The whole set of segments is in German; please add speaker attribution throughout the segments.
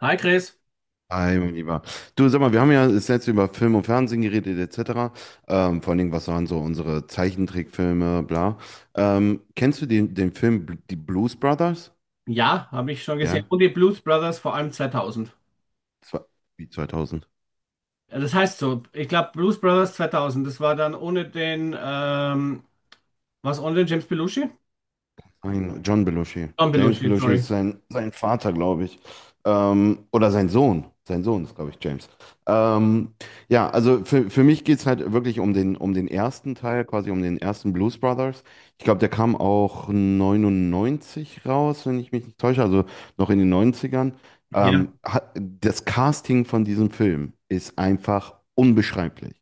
Speaker 1: Hi Chris.
Speaker 2: Hi, mein Lieber. Du, sag mal, wir haben ja das letzte über Film und Fernsehen geredet, etc. Vor allen Dingen, was waren so unsere Zeichentrickfilme, bla. Kennst du den Film Die Blues Brothers?
Speaker 1: Ja, habe ich schon gesehen.
Speaker 2: Ja,
Speaker 1: Und die Blues Brothers vor allem 2000.
Speaker 2: das war wie 2000.
Speaker 1: Ja, das heißt so, ich glaube Blues Brothers 2000, das war dann ohne den, was ohne den James Belushi?
Speaker 2: Ein John Belushi.
Speaker 1: Tom
Speaker 2: James
Speaker 1: Belushi,
Speaker 2: Belushi ist
Speaker 1: sorry.
Speaker 2: sein Vater, glaube ich. Oder sein Sohn. Sein Sohn ist, glaube ich, James. Ähm, ja, also für mich geht es halt wirklich um den ersten Teil, quasi um den ersten Blues Brothers. Ich glaube, der kam auch 99 raus, wenn ich mich nicht täusche, also noch in den Neunzigern.
Speaker 1: Ja.
Speaker 2: Das Casting von diesem Film ist einfach unbeschreiblich.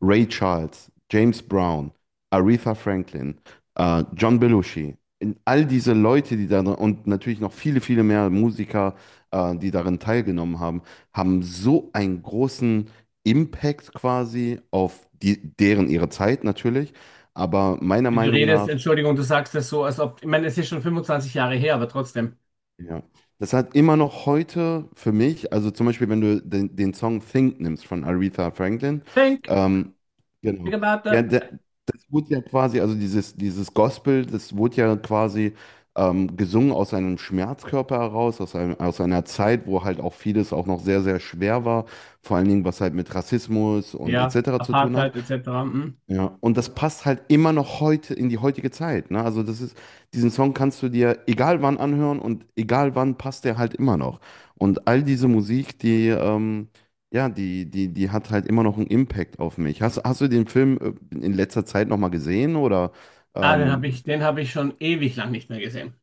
Speaker 2: Ray Charles, James Brown, Aretha Franklin, John Belushi in all diese Leute, die da und natürlich noch viele, viele mehr Musiker, die darin teilgenommen haben, haben so einen großen Impact quasi auf die, deren ihre Zeit natürlich, aber meiner
Speaker 1: Wenn du
Speaker 2: Meinung
Speaker 1: redest,
Speaker 2: nach.
Speaker 1: Entschuldigung, du sagst das so, als ob, ich meine, es ist schon 25 Jahre her, aber trotzdem.
Speaker 2: Ja. Das hat immer noch heute für mich, also zum Beispiel, wenn du den Song Think nimmst von Aretha Franklin,
Speaker 1: Think,
Speaker 2: ähm, genau.
Speaker 1: think about
Speaker 2: Ja,
Speaker 1: that.
Speaker 2: das wurde ja quasi, also dieses Gospel, das wurde ja quasi gesungen aus einem Schmerzkörper heraus, aus einer Zeit, wo halt auch vieles auch noch sehr, sehr schwer war, vor allen Dingen, was halt mit Rassismus und
Speaker 1: Ja,
Speaker 2: etc. zu tun hat.
Speaker 1: Apartheid etc. Mhm.
Speaker 2: Ja, und das passt halt immer noch heute in die heutige Zeit, ne? Also das ist, diesen Song kannst du dir egal wann anhören und egal wann passt der halt immer noch. Und all diese Musik, ja, die hat halt immer noch einen Impact auf mich. Hast du den Film in letzter Zeit nochmal gesehen? Oder
Speaker 1: Ah,
Speaker 2: ähm,
Speaker 1: den habe ich schon ewig lang nicht mehr gesehen.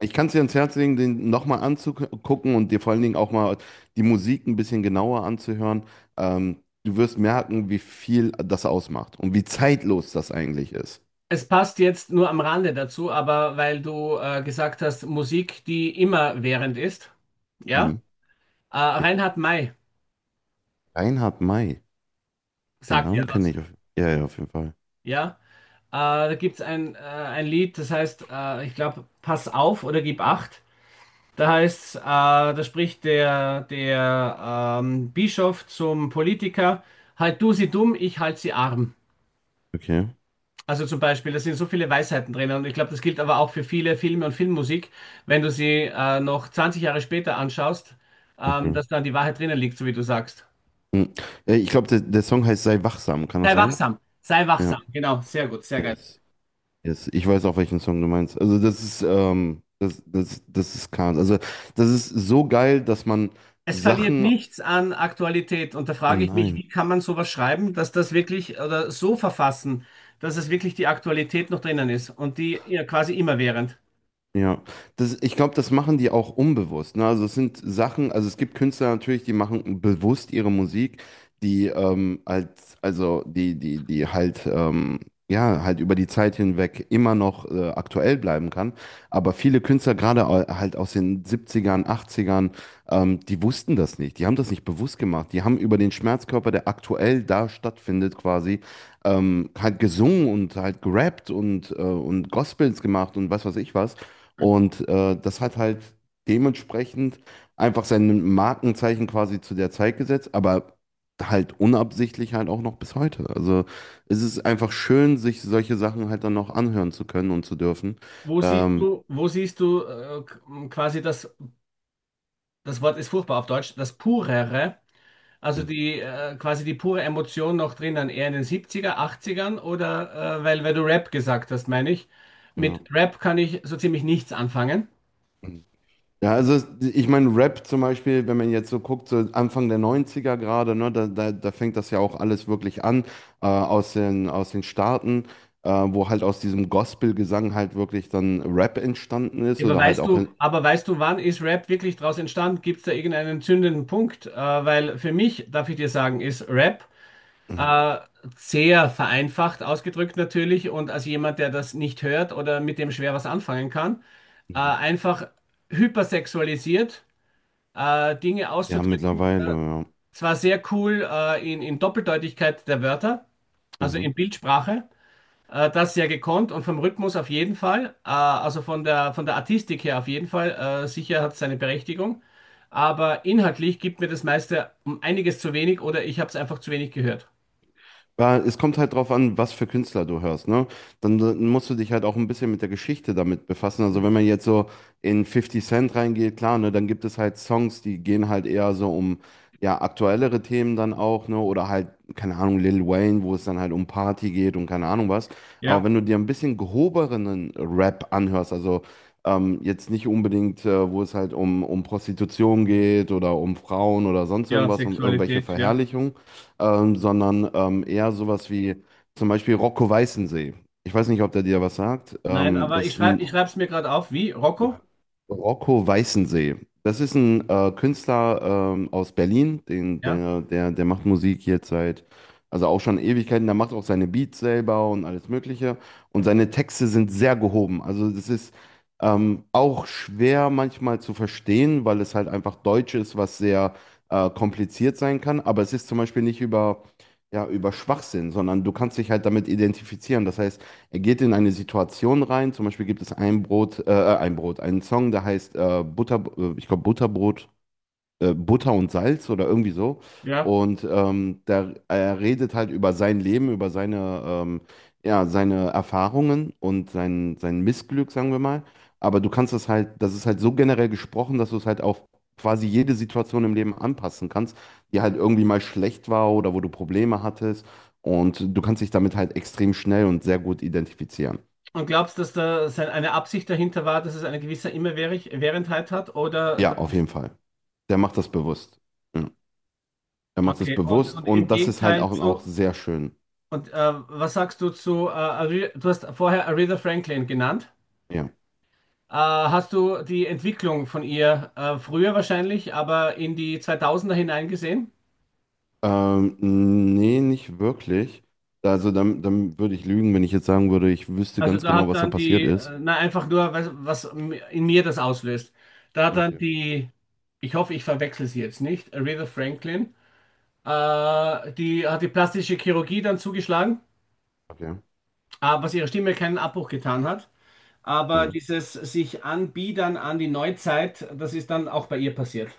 Speaker 2: ich kann es dir ans Herz legen, den nochmal anzugucken und dir vor allen Dingen auch mal die Musik ein bisschen genauer anzuhören. Ähm, du wirst merken, wie viel das ausmacht und wie zeitlos das eigentlich ist.
Speaker 1: Es passt jetzt nur am Rande dazu, aber weil du gesagt hast, Musik, die immerwährend ist, ja?
Speaker 2: Mhm.
Speaker 1: Reinhard May
Speaker 2: Reinhard May. Den
Speaker 1: sagt ja
Speaker 2: Namen kenne
Speaker 1: was.
Speaker 2: ich ja, ja, auf jeden Fall.
Speaker 1: Ja. Da gibt es ein Lied, das heißt, ich glaube, Pass auf oder gib acht. Da heißt, da spricht der Bischof zum Politiker, halt du sie dumm, ich halt sie arm.
Speaker 2: Okay.
Speaker 1: Also zum Beispiel, da sind so viele Weisheiten drin und ich glaube, das gilt aber auch für viele Filme und Filmmusik, wenn du sie noch 20 Jahre später anschaust,
Speaker 2: Okay.
Speaker 1: dass dann die Wahrheit drinnen liegt, so wie du sagst.
Speaker 2: Hm. Ich glaube, der Song heißt Sei wachsam, kann das
Speaker 1: Sei
Speaker 2: sein?
Speaker 1: wachsam, sei
Speaker 2: Ja.
Speaker 1: wachsam. Genau, sehr gut, sehr geil.
Speaker 2: Yes. Yes. Ich weiß auch, welchen Song du meinst. Also das ist, das ist Kahn. Also das ist so geil, dass man
Speaker 1: Es verliert
Speaker 2: Sachen.
Speaker 1: nichts an Aktualität. Und da frage ich mich,
Speaker 2: Nein.
Speaker 1: wie kann man sowas schreiben, dass das wirklich oder so verfassen, dass es wirklich die Aktualität noch drinnen ist und die ja quasi immerwährend.
Speaker 2: Ja, ich glaube, das machen die auch unbewusst. Ne? Also es sind Sachen, also es gibt Künstler natürlich, die machen bewusst ihre Musik, die also die halt, ja, halt über die Zeit hinweg immer noch aktuell bleiben kann. Aber viele Künstler, gerade halt aus den Siebzigern, Achtzigern, die wussten das nicht. Die haben das nicht bewusst gemacht. Die haben über den Schmerzkörper, der aktuell da stattfindet, quasi, halt gesungen und halt gerappt und Gospels gemacht und was weiß ich was. Und das hat halt dementsprechend einfach sein Markenzeichen quasi zu der Zeit gesetzt, aber halt unabsichtlich halt auch noch bis heute. Also es ist einfach schön, sich solche Sachen halt dann noch anhören zu können und zu dürfen.
Speaker 1: Wo siehst
Speaker 2: Ähm,
Speaker 1: du, wo siehst du äh, quasi das, das Wort ist furchtbar auf Deutsch, das Purere, also die quasi die pure Emotion noch drinnen, eher in den 70er, 80ern oder weil du Rap gesagt hast, meine ich. Mit
Speaker 2: ja.
Speaker 1: Rap kann ich so ziemlich nichts anfangen.
Speaker 2: Ja, also ich meine, Rap zum Beispiel, wenn man jetzt so guckt, so Anfang der Neunziger gerade, ne, da fängt das ja auch alles wirklich an, aus aus den Staaten, wo halt aus diesem Gospel-Gesang halt wirklich dann Rap entstanden ist
Speaker 1: Ja, aber
Speaker 2: oder halt
Speaker 1: weißt
Speaker 2: auch in,
Speaker 1: du, aber weißt du, wann ist Rap wirklich daraus entstanden? Gibt es da irgendeinen zündenden Punkt? Weil für mich, darf ich dir sagen, ist Rap
Speaker 2: Mhm,
Speaker 1: äh, sehr vereinfacht ausgedrückt natürlich und als jemand, der das nicht hört oder mit dem schwer was anfangen kann,
Speaker 2: mhm.
Speaker 1: einfach hypersexualisiert, Dinge
Speaker 2: Ja,
Speaker 1: auszudrücken.
Speaker 2: mittlerweile, ja.
Speaker 1: Zwar sehr cool in Doppeldeutigkeit der Wörter, also
Speaker 2: Mhm.
Speaker 1: in Bildsprache. Das sehr gekonnt und vom Rhythmus auf jeden Fall, von der Artistik her auf jeden Fall, sicher hat es seine Berechtigung, aber inhaltlich gibt mir das meiste um einiges zu wenig oder ich habe es einfach zu wenig gehört.
Speaker 2: Weil es kommt halt drauf an, was für Künstler du hörst, ne? Dann musst du dich halt auch ein bisschen mit der Geschichte damit befassen. Also wenn man jetzt so in Fifty Cent reingeht, klar, ne, dann gibt es halt Songs, die gehen halt eher so um ja aktuellere Themen dann auch, ne? Oder halt, keine Ahnung, Lil Wayne, wo es dann halt um Party geht und keine Ahnung was. Aber
Speaker 1: Ja,
Speaker 2: wenn du dir ein bisschen gehobenen Rap anhörst, also jetzt nicht unbedingt, wo es halt um Prostitution geht oder um Frauen oder sonst
Speaker 1: ja,
Speaker 2: irgendwas, um irgendwelche
Speaker 1: Sexualität, ja.
Speaker 2: Verherrlichungen, sondern eher sowas wie zum Beispiel Rocco Weißensee. Ich weiß nicht, ob der dir was sagt.
Speaker 1: Nein, aber
Speaker 2: Das ist ein
Speaker 1: ich schreibe es mir gerade auf, wie Rocco,
Speaker 2: Rocco Weißensee. Das ist ein Künstler aus Berlin, den,
Speaker 1: ja.
Speaker 2: der, der, der macht Musik jetzt seit, also auch schon Ewigkeiten. Der macht auch seine Beats selber und alles Mögliche. Und seine Texte sind sehr gehoben. Also das ist auch schwer manchmal zu verstehen, weil es halt einfach Deutsch ist, was sehr kompliziert sein kann. Aber es ist zum Beispiel nicht ja, über Schwachsinn, sondern du kannst dich halt damit identifizieren. Das heißt, er geht in eine Situation rein. Zum Beispiel gibt es einen Song, der heißt ich glaube Butterbrot, Butter und Salz oder irgendwie so.
Speaker 1: Ja,
Speaker 2: Und er redet halt über sein Leben, über ja, seine Erfahrungen und sein Missglück, sagen wir mal. Aber du kannst es halt, das ist halt so generell gesprochen, dass du es halt auf quasi jede Situation im Leben anpassen kannst, die halt irgendwie mal schlecht war oder wo du Probleme hattest. Und du kannst dich damit halt extrem schnell und sehr gut identifizieren.
Speaker 1: und glaubst du, dass da eine Absicht dahinter war, dass es eine gewisse Immerwährendheit hat oder
Speaker 2: Ja,
Speaker 1: dass
Speaker 2: auf
Speaker 1: es,
Speaker 2: jeden Fall. Der macht das bewusst. Ja, er macht das
Speaker 1: okay,
Speaker 2: bewusst
Speaker 1: und im
Speaker 2: und das ist halt
Speaker 1: Gegenteil
Speaker 2: auch, auch
Speaker 1: zu,
Speaker 2: sehr schön.
Speaker 1: und was sagst du zu, du hast vorher Aretha Franklin genannt?
Speaker 2: Ja.
Speaker 1: Hast du die Entwicklung von ihr früher wahrscheinlich, aber in die 2000er hinein.
Speaker 2: Nee, nicht wirklich. Also dann würde ich lügen, wenn ich jetzt sagen würde, ich wüsste
Speaker 1: Also
Speaker 2: ganz
Speaker 1: da
Speaker 2: genau,
Speaker 1: hat
Speaker 2: was da
Speaker 1: dann
Speaker 2: passiert
Speaker 1: die,
Speaker 2: ist.
Speaker 1: na einfach nur, was, was in mir das auslöst. Da hat dann
Speaker 2: Okay,
Speaker 1: die, ich hoffe, ich verwechsel sie jetzt nicht, Aretha Franklin, die hat die plastische Chirurgie dann zugeschlagen,
Speaker 2: okay.
Speaker 1: was ihrer Stimme keinen Abbruch getan hat. Aber
Speaker 2: Mhm.
Speaker 1: dieses sich anbiedern an die Neuzeit, das ist dann auch bei ihr passiert.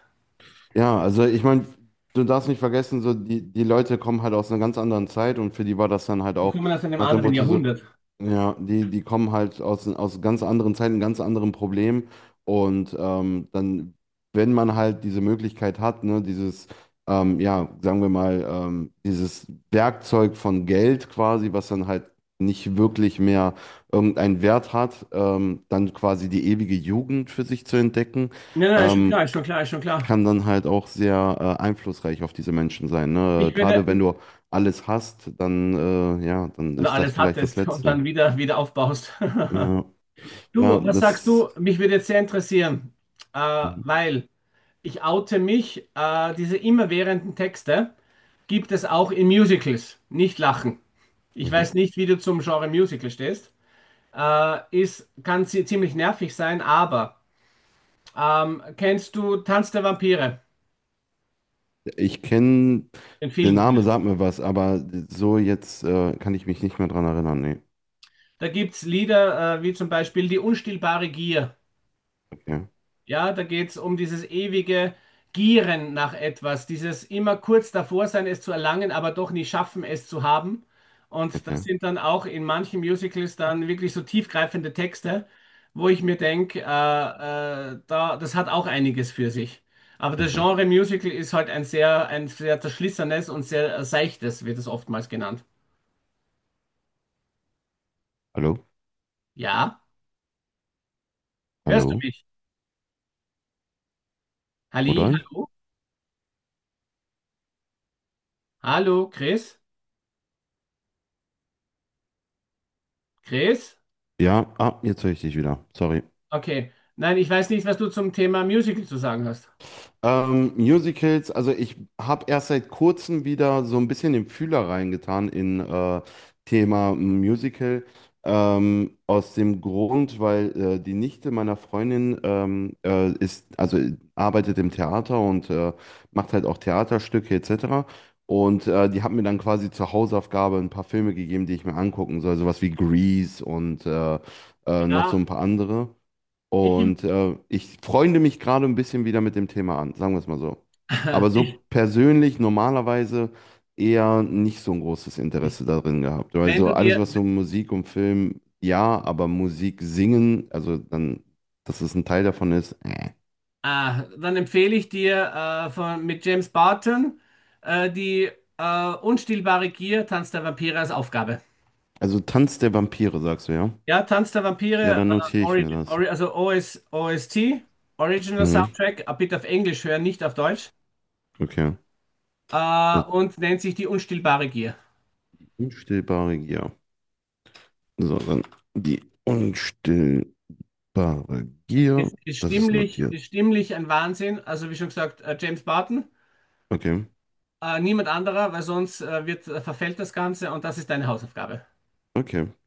Speaker 2: Ja, also ich meine, du darfst nicht vergessen, so die Leute kommen halt aus einer ganz anderen Zeit und für die war das dann halt
Speaker 1: Die
Speaker 2: auch
Speaker 1: kommen aus einem
Speaker 2: nach dem
Speaker 1: anderen
Speaker 2: Motto so,
Speaker 1: Jahrhundert.
Speaker 2: ja, die kommen halt aus ganz anderen Zeiten, ganz anderen Problemen und wenn man halt diese Möglichkeit hat, ne, ja, sagen wir mal, dieses Werkzeug von Geld quasi, was dann halt nicht wirklich mehr irgendeinen Wert hat, dann quasi die ewige Jugend für sich zu entdecken.
Speaker 1: Nein, nein, ist schon
Speaker 2: Ähm,
Speaker 1: klar, ist schon klar, ist schon klar.
Speaker 2: kann dann halt auch sehr einflussreich auf diese Menschen sein, ne?
Speaker 1: Ich
Speaker 2: Gerade wenn
Speaker 1: würde,
Speaker 2: du alles hast, ja, dann
Speaker 1: oder
Speaker 2: ist das
Speaker 1: alles
Speaker 2: vielleicht das
Speaker 1: hattest und
Speaker 2: Letzte.
Speaker 1: dann wieder, wieder aufbaust.
Speaker 2: Ja, ja,
Speaker 1: Du, was sagst
Speaker 2: das.
Speaker 1: du? Mich würde jetzt sehr interessieren,
Speaker 2: Mhm.
Speaker 1: weil ich oute mich, diese immerwährenden Texte gibt es auch in Musicals. Nicht lachen. Ich
Speaker 2: Mhm.
Speaker 1: weiß nicht, wie du zum Genre Musical stehst. Ist, kann sie ziemlich nervig sein, aber kennst du Tanz der Vampire?
Speaker 2: Ich kenne,
Speaker 1: Den
Speaker 2: der
Speaker 1: Film
Speaker 2: Name
Speaker 1: vielleicht.
Speaker 2: sagt mir was, aber so jetzt kann ich mich nicht mehr dran erinnern. Nee.
Speaker 1: Da gibt es Lieder wie zum Beispiel Die unstillbare Gier.
Speaker 2: Okay,
Speaker 1: Ja, da geht es um dieses ewige Gieren nach etwas, dieses immer kurz davor sein, es zu erlangen, aber doch nie schaffen, es zu haben. Und das
Speaker 2: okay.
Speaker 1: sind dann auch in manchen Musicals dann wirklich so tiefgreifende Texte, wo ich mir denke, das hat auch einiges für sich. Aber das
Speaker 2: Mhm.
Speaker 1: Genre Musical ist halt ein sehr zerschlissenes und sehr seichtes, wird es oftmals genannt.
Speaker 2: Hallo?
Speaker 1: Ja, hörst du
Speaker 2: Hallo?
Speaker 1: mich? Halli,
Speaker 2: Rudolf?
Speaker 1: hallo, hallo, Chris, Chris?
Speaker 2: Ja, jetzt höre ich dich wieder. Sorry.
Speaker 1: Okay. Nein, ich weiß nicht, was du zum Thema Musical zu sagen hast.
Speaker 2: Musicals, also ich habe erst seit kurzem wieder so ein bisschen den Fühler reingetan in Thema Musical. Aus dem Grund, weil die Nichte meiner Freundin ist, also arbeitet im Theater und macht halt auch Theaterstücke etc. Und die hat mir dann quasi zur Hausaufgabe ein paar Filme gegeben, die ich mir angucken soll, sowas wie Grease und noch so
Speaker 1: Ja,
Speaker 2: ein paar andere.
Speaker 1: ich,
Speaker 2: Und ich freunde mich gerade ein bisschen wieder mit dem Thema an, sagen wir es mal so. Aber so
Speaker 1: ich,
Speaker 2: persönlich normalerweise eher nicht so ein großes Interesse darin gehabt.
Speaker 1: wenn
Speaker 2: Also
Speaker 1: du
Speaker 2: alles,
Speaker 1: dir,
Speaker 2: was so Musik und Film, ja, aber Musik singen, also dann, dass es ein Teil davon ist.
Speaker 1: ah, dann empfehle ich dir mit James Barton die unstillbare Gier, Tanz der Vampire als Aufgabe.
Speaker 2: Also Tanz der Vampire, sagst du, ja?
Speaker 1: Ja, Tanz der
Speaker 2: Ja,
Speaker 1: Vampire,
Speaker 2: dann notiere ich mir
Speaker 1: äh,
Speaker 2: das.
Speaker 1: Ori, Ori, also OS, OST, Original
Speaker 2: Mhm,
Speaker 1: Soundtrack, bitte auf Englisch hören, nicht auf Deutsch,
Speaker 2: okay. Das
Speaker 1: und nennt sich die unstillbare Gier.
Speaker 2: unstillbare Gier. So, dann die unstillbare Gier, das ist notiert.
Speaker 1: Ist stimmlich ein Wahnsinn. Also wie schon gesagt, James Barton.
Speaker 2: Okay,
Speaker 1: Niemand anderer, weil sonst verfällt das Ganze und das ist deine Hausaufgabe.
Speaker 2: okay. Ja,